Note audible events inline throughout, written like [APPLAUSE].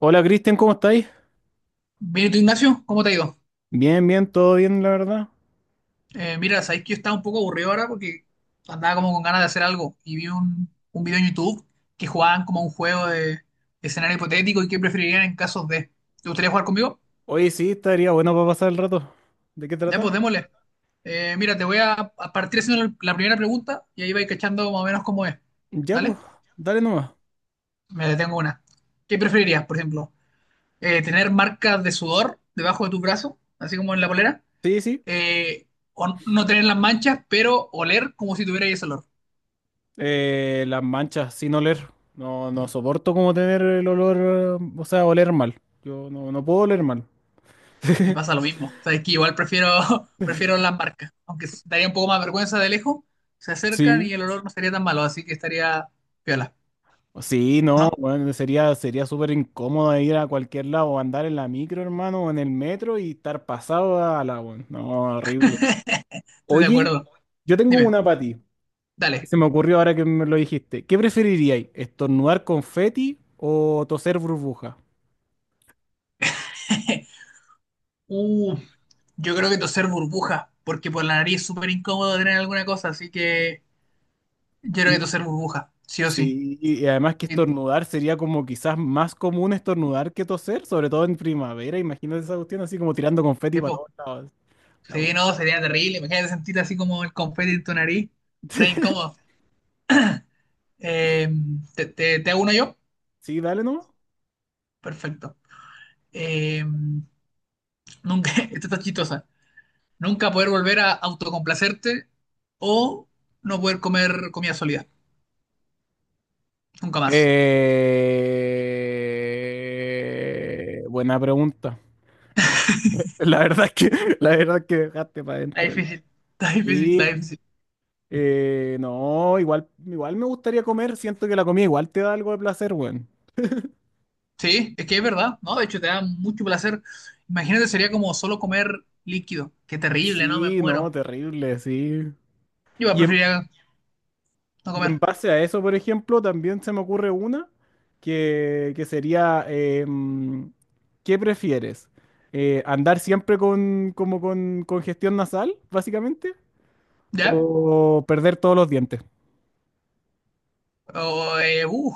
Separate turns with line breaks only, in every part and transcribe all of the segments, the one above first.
Hola Cristian, ¿cómo estáis?
Bien, ¿y tú, Ignacio? ¿Cómo te ha ido?
Bien, bien, todo bien, la verdad.
Mira, sabéis que yo estaba un poco aburrido ahora porque andaba como con ganas de hacer algo y vi un video en YouTube que jugaban como un juego de escenario hipotético y qué preferirían en casos de. ¿Te gustaría jugar conmigo?
Oye, sí, estaría bueno para pasar el rato. ¿De qué
Ya,
trata?
pues démosle. Mira, te voy a partir haciendo la primera pregunta y ahí vais cachando más o menos cómo es.
Ya, pues,
¿Vale?
dale nomás.
Me detengo una. ¿Qué preferirías, por ejemplo? ¿Tener marcas de sudor debajo de tu brazo, así como en la polera?
Sí, sí.
Eh, ¿O no tener las manchas, pero oler como si tuvierais ese olor?
Las manchas, sin oler. No, no soporto como tener el olor, o sea, oler mal. Yo no, no puedo oler mal.
Me pasa
[LAUGHS]
lo mismo. Sabes que igual prefiero, [LAUGHS] prefiero las marcas, aunque daría un poco más vergüenza de lejos, se acercan
Sí.
y el olor no sería tan malo, así que estaría piola,
Sí, no,
¿no?
bueno, sería súper incómodo ir a cualquier lado, andar en la micro, hermano, o en el metro y estar pasado a la, bueno, no, horrible.
Estoy de
Oye,
acuerdo.
yo tengo
Dime,
una para ti.
dale.
Se me ocurrió ahora que me lo dijiste. ¿Qué preferiríais? ¿Estornudar confeti o toser burbuja?
[LAUGHS] Uh, yo creo que toser burbuja, porque por la nariz es súper incómodo tener alguna cosa, así que yo creo
Y-
que toser burbuja, sí o sí.
Sí, y además que
Y-
estornudar sería como quizás más común estornudar que toser, sobre todo en primavera. Imagínate esa cuestión así como tirando confeti para
epo,
todos lados. La wea.
sí, no, sería terrible. Imagínate sentir así como el confeti en tu nariz, re
[LAUGHS]
incómodo. Eh, te hago uno yo?
Sí, dale no.
Perfecto. Eh, Nunca, [LAUGHS] esta está chistosa. Nunca poder volver a autocomplacerte o no poder comer comida sólida. Nunca más.
Buena pregunta. [LAUGHS] La verdad es que, la verdad es que me dejaste para
Está
adentro.
difícil. Está difícil, está difícil.
No, igual me gustaría comer. Siento que la comida igual te da algo de placer, weón.
Sí, es que es verdad, ¿no? De hecho, te da mucho placer. Imagínate, sería como solo comer líquido. Qué terrible, ¿no? Me
Sí, no,
muero.
terrible, sí.
Yo
Y en,
preferiría no
y en
comer.
base a eso, por ejemplo, también se me ocurre una que sería, ¿qué prefieres? ¿Andar siempre con, como con congestión nasal, básicamente?
¿Ya?
¿O perder todos los dientes?
O, eh, uh,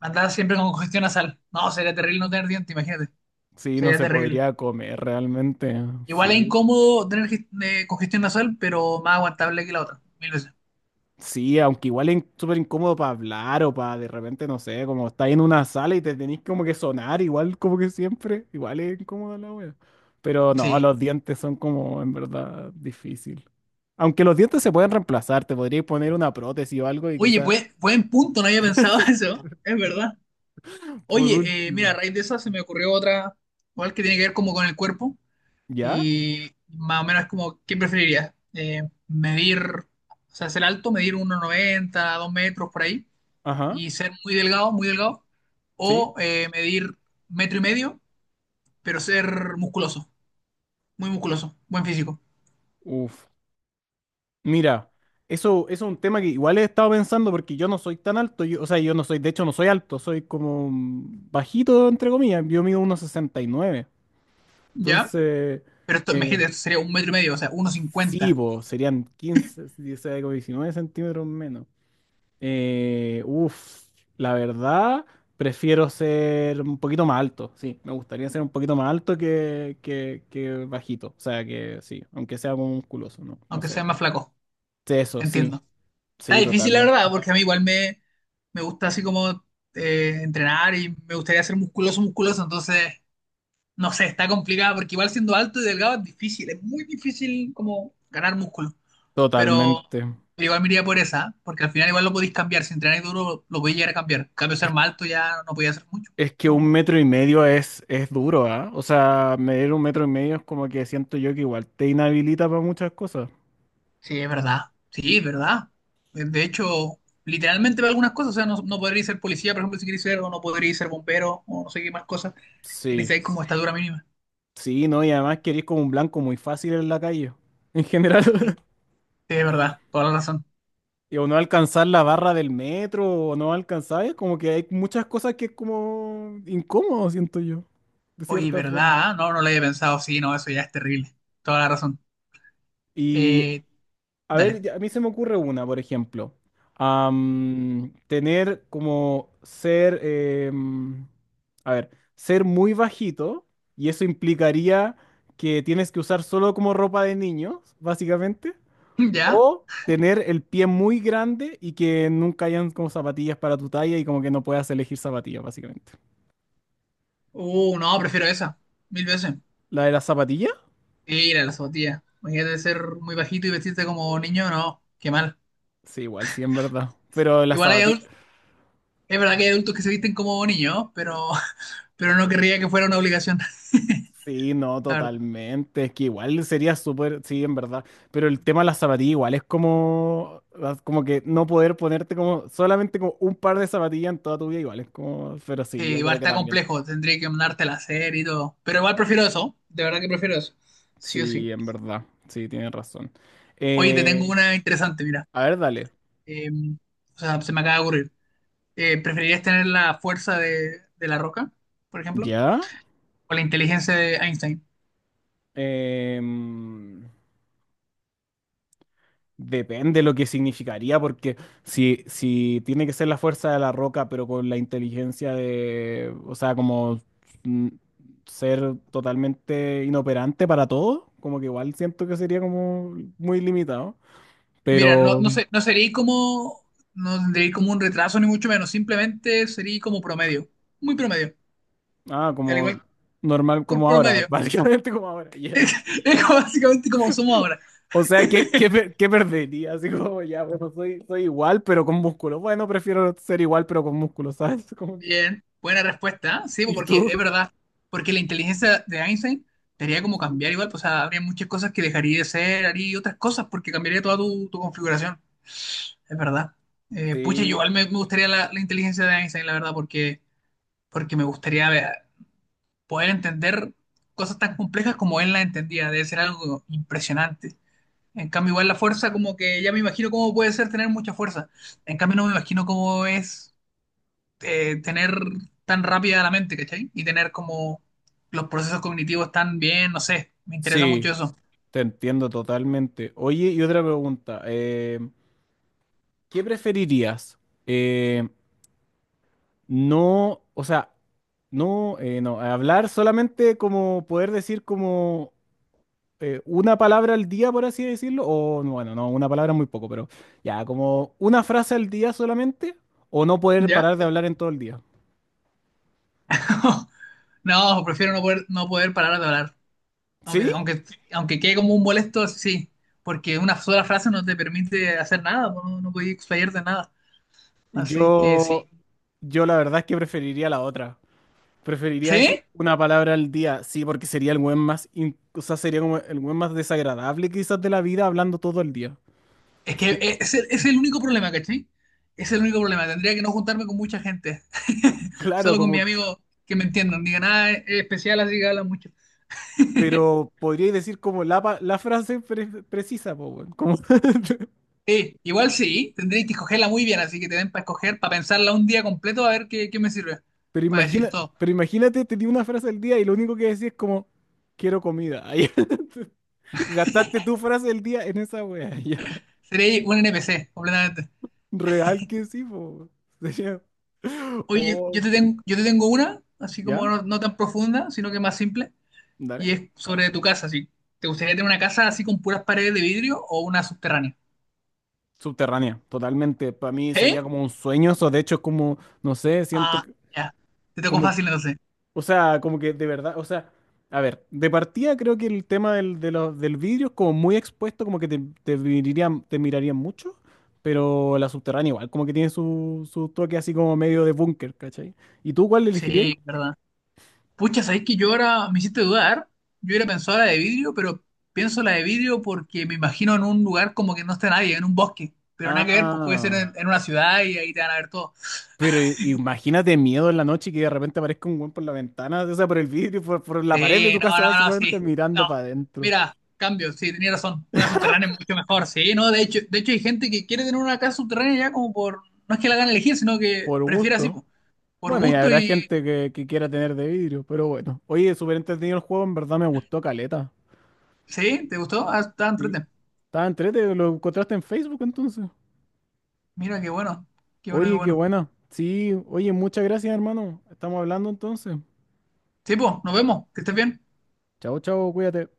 andar siempre con congestión nasal. No, sería terrible no tener dientes imagínate.
Sí, no
Sería
se
terrible.
podría comer realmente.
Igual es
Sí.
incómodo tener congestión nasal, pero más aguantable que la otra. Mil veces.
Sí, aunque igual es súper incómodo para hablar o para de repente, no sé, como estáis en una sala y te tenéis como que sonar, igual como que siempre, igual es incómoda la wea. Pero no,
Sí,
los dientes son como en verdad difícil. Aunque los dientes se pueden reemplazar, te podrías poner una prótesis o algo y
oye,
quizás
buen punto, no había pensado [LAUGHS] eso, es verdad.
por
Oye, mira, a
último.
raíz de eso se me ocurrió otra, igual que tiene que ver como con el cuerpo
¿Ya?
y más o menos es como, ¿qué preferirías? Medir, o sea, ser alto, medir 1,90, 2 metros por ahí
Ajá,
y ser muy delgado,
sí.
o medir metro y medio, pero ser musculoso, muy musculoso, buen físico,
Uf. Mira, eso es un tema que igual he estado pensando porque yo no soy tan alto, o sea, yo no soy, de hecho no soy alto, soy como bajito, entre comillas, yo mido 1,69.
¿ya?
Entonces,
Pero esto,
eh,
imagínate, esto sería un metro y medio, o sea,
sí,
1,50,
po, serían 15, 16, como 19 centímetros menos. Uf, la verdad, prefiero ser un poquito más alto. Sí, me gustaría ser un poquito más alto que, que bajito. O sea, que sí, aunque sea como musculoso, ¿no? No
aunque sea
sé.
más flaco,
Sí, eso, sí,
entiendo. Está
sí,
difícil, la verdad,
totalmente.
porque a mí igual me gusta así como entrenar y me gustaría ser musculoso, musculoso, entonces, no sé, está complicado, porque igual siendo alto y delgado es difícil, es muy difícil como ganar músculo, pero
Totalmente.
igual me iría por esa, porque al final igual lo podéis cambiar, si entrenáis duro lo podéis llegar a cambiar, en cambio ser más alto ya no podía hacer mucho.
Es que un
No.
metro y medio es duro, ¿ah? O sea, medir un metro y medio es como que siento yo que igual te inhabilita para muchas cosas.
Sí, es verdad, sí, es verdad. De hecho, literalmente para algunas cosas, o sea, no podréis ser policía, por ejemplo, si queréis ser, o no podréis ser bombero, o no sé qué más cosas, que
Sí,
necesitáis como estatura mínima.
sí, no, y además que eres como un blanco muy fácil en la calle, en
Sí, sí,
general. [LAUGHS]
verdad, toda la razón.
Y o no alcanzar la barra del metro, o no alcanzar, es como que hay muchas cosas que es como incómodo, siento yo, de
Oye,
cierta
¿verdad?
forma.
¿Ah? No, no lo había pensado. Sí, no, eso ya es terrible. Toda la razón.
Y
Eh,
a ver,
dale.
a mí se me ocurre una, por ejemplo. Tener como ser, a ver, ser muy bajito, y eso implicaría que tienes que usar solo como ropa de niños, básicamente.
[LAUGHS] ¿Ya?
O tener el pie muy grande y que nunca hayan como zapatillas para tu talla y como que no puedas elegir zapatillas, básicamente.
No, prefiero esa. Mil veces.
¿La de la zapatilla?
Mira, la zapatilla. Imagínate ser muy bajito y vestirte como niño, no, qué mal.
Sí, igual, sí, en verdad. Pero la
Igual hay
zapatilla.
adultos, es verdad que hay adultos que se visten como niños, pero, [LAUGHS] pero no querría que fuera una obligación,
Sí, no,
[LAUGHS] la verdad.
totalmente. Es que igual sería súper. Sí, en verdad. Pero el tema de la zapatilla igual es como. Como que no poder ponerte como. Solamente como un par de zapatillas en toda tu vida, igual. Es como. Pero
Sí,
sí, yo
igual
creo que
está
también.
complejo, tendría que mandarte la serie y todo. Pero igual prefiero eso, de verdad que prefiero eso. Sí o sí.
Sí, en verdad. Sí, tienes razón.
Oye, te tengo
Eh,
una interesante, mira.
a ver, dale.
Eh, o sea, se me acaba de ocurrir. ¿Preferirías tener la fuerza de la roca, por ejemplo?
¿Ya?
¿O la inteligencia de Einstein?
Em, Depende lo que significaría, porque si tiene que ser la fuerza de la roca, pero con la inteligencia de, o sea, como mm, ser totalmente inoperante para todo, como que igual siento que sería como muy limitado.
Mira,
Pero,
no sé, no sería como, no tendría como un retraso ni mucho menos, simplemente sería como promedio, muy promedio, al
como
igual
normal,
que el
como ahora, [LAUGHS]
promedio.
básicamente como ahora, ya.
[LAUGHS] Es como básicamente como somos ahora.
O sea, ¿ qué perdería? Así como, ya, bueno, soy igual, pero con músculo. Bueno, prefiero ser igual, pero con músculo, ¿sabes? [LAUGHS] Como,
Bien, buena respuesta, ¿eh? Sí, pues,
¿y
porque es
tú?
verdad, porque la inteligencia de Einstein sería como
Sí.
cambiar igual, pues, o sea, habría muchas cosas que dejaría de ser, haría otras cosas porque cambiaría toda tu configuración. Es verdad. Pucha, yo
Sí,
igual me gustaría la inteligencia de Einstein, la verdad, porque, porque poder entender cosas tan complejas como él las entendía. Debe ser algo impresionante. En cambio, igual la fuerza, como que ya me imagino cómo puede ser tener mucha fuerza. En cambio, no me imagino cómo es tener tan rápida la mente, ¿cachai? Y tener como los procesos cognitivos tan bien, no sé. Me interesa mucho
sí,
eso.
te entiendo totalmente. Oye, y otra pregunta, ¿qué preferirías? Eh, no, o sea, no, no, hablar solamente como poder decir como una palabra al día, por así decirlo, o no, bueno, no, una palabra es muy poco, pero ya, como una frase al día solamente, o no poder
¿Ya?
parar de hablar en todo el día.
[LAUGHS] No, prefiero no poder, no poder parar de hablar. Aunque,
¿Sí?
aunque, aunque quede como un molesto, sí, porque una sola frase no te permite hacer nada, no, no puedes explayarte nada. Así que sí.
Yo, yo la verdad es que preferiría la otra. Preferiría decir
¿Sí?
una palabra al día, sí, porque sería el buen más, o sea, sería como el buen más desagradable quizás de la vida hablando todo el día. [LAUGHS]
Es que es el único problema, ¿cachai? Es el único problema. Tendría que no juntarme con mucha gente. [LAUGHS]
Claro,
Solo con mi
como,
amigo que me entiendan. Digan, nada es especial, así que habla mucho. [LAUGHS]
pero podría decir como la frase precisa, po, weón, como, [LAUGHS]
Sí, igual sí, tendréis que escogerla muy bien, así que te den para escoger, para pensarla un día completo, a ver qué, qué me sirve, para decir todo.
pero imagínate, te di una frase al día y lo único que decís es como, quiero comida. Ay, [LAUGHS] gastaste tu frase del día en esa wea, ya.
Seré un NPC, completamente.
Real que sí, po. Weón. Sería,
Oye,
oh,
yo te tengo una, así como
¿ya?
no, no tan profunda, sino que más simple, y
Dale.
es sobre tu casa, sí. ¿Te gustaría tener una casa así con puras paredes de vidrio o una subterránea?
Subterránea, totalmente. Para mí
¿Sí?
sería como un sueño eso. De hecho, es como, no sé,
Ah, ya. Te tocó
como,
fácil entonces.
o sea, como que de verdad, o sea, a ver, de partida creo que el tema del vidrio es como muy expuesto, como que te mirarían mucho, pero la subterránea igual, como que tiene su toque así como medio de búnker, ¿cachai? ¿Y tú cuál elegirías?
Sí, verdad. Pucha, ¿sabéis que yo ahora me hiciste dudar? Yo hubiera pensado la de vidrio, pero pienso la de vidrio porque me imagino en un lugar como que no está nadie, en un bosque. Pero nada que ver, pues puede ser
Ah,
en una ciudad y ahí te van a ver todo.
pero imagínate miedo en la noche y que de repente aparezca un weón por la ventana, o sea, por el vidrio, por la pared de
Sí,
tu
no,
casa,
no, no,
básicamente
sí.
mirando
No.
para adentro.
Mira, cambio, sí, tenía razón. Una subterránea es mucho mejor. Sí, no, de hecho hay gente que quiere tener una casa subterránea ya como por. No es que la hagan elegir, sino que
Por
prefiere así,
gusto.
po, por
Bueno, y
gusto
habrá
y.
gente que quiera tener de vidrio, pero bueno. Oye, súper entretenido el juego, en verdad me gustó caleta.
Sí, ¿te gustó? Ah, está
Sí.
enfrente.
Estaba entrete, lo encontraste en Facebook entonces.
Mira, qué bueno. Qué bueno, qué
Oye, qué
bueno.
buena. Sí, oye, muchas gracias, hermano. Estamos hablando entonces.
Sí, pues, nos vemos. Que estés bien.
Chao, chao, cuídate.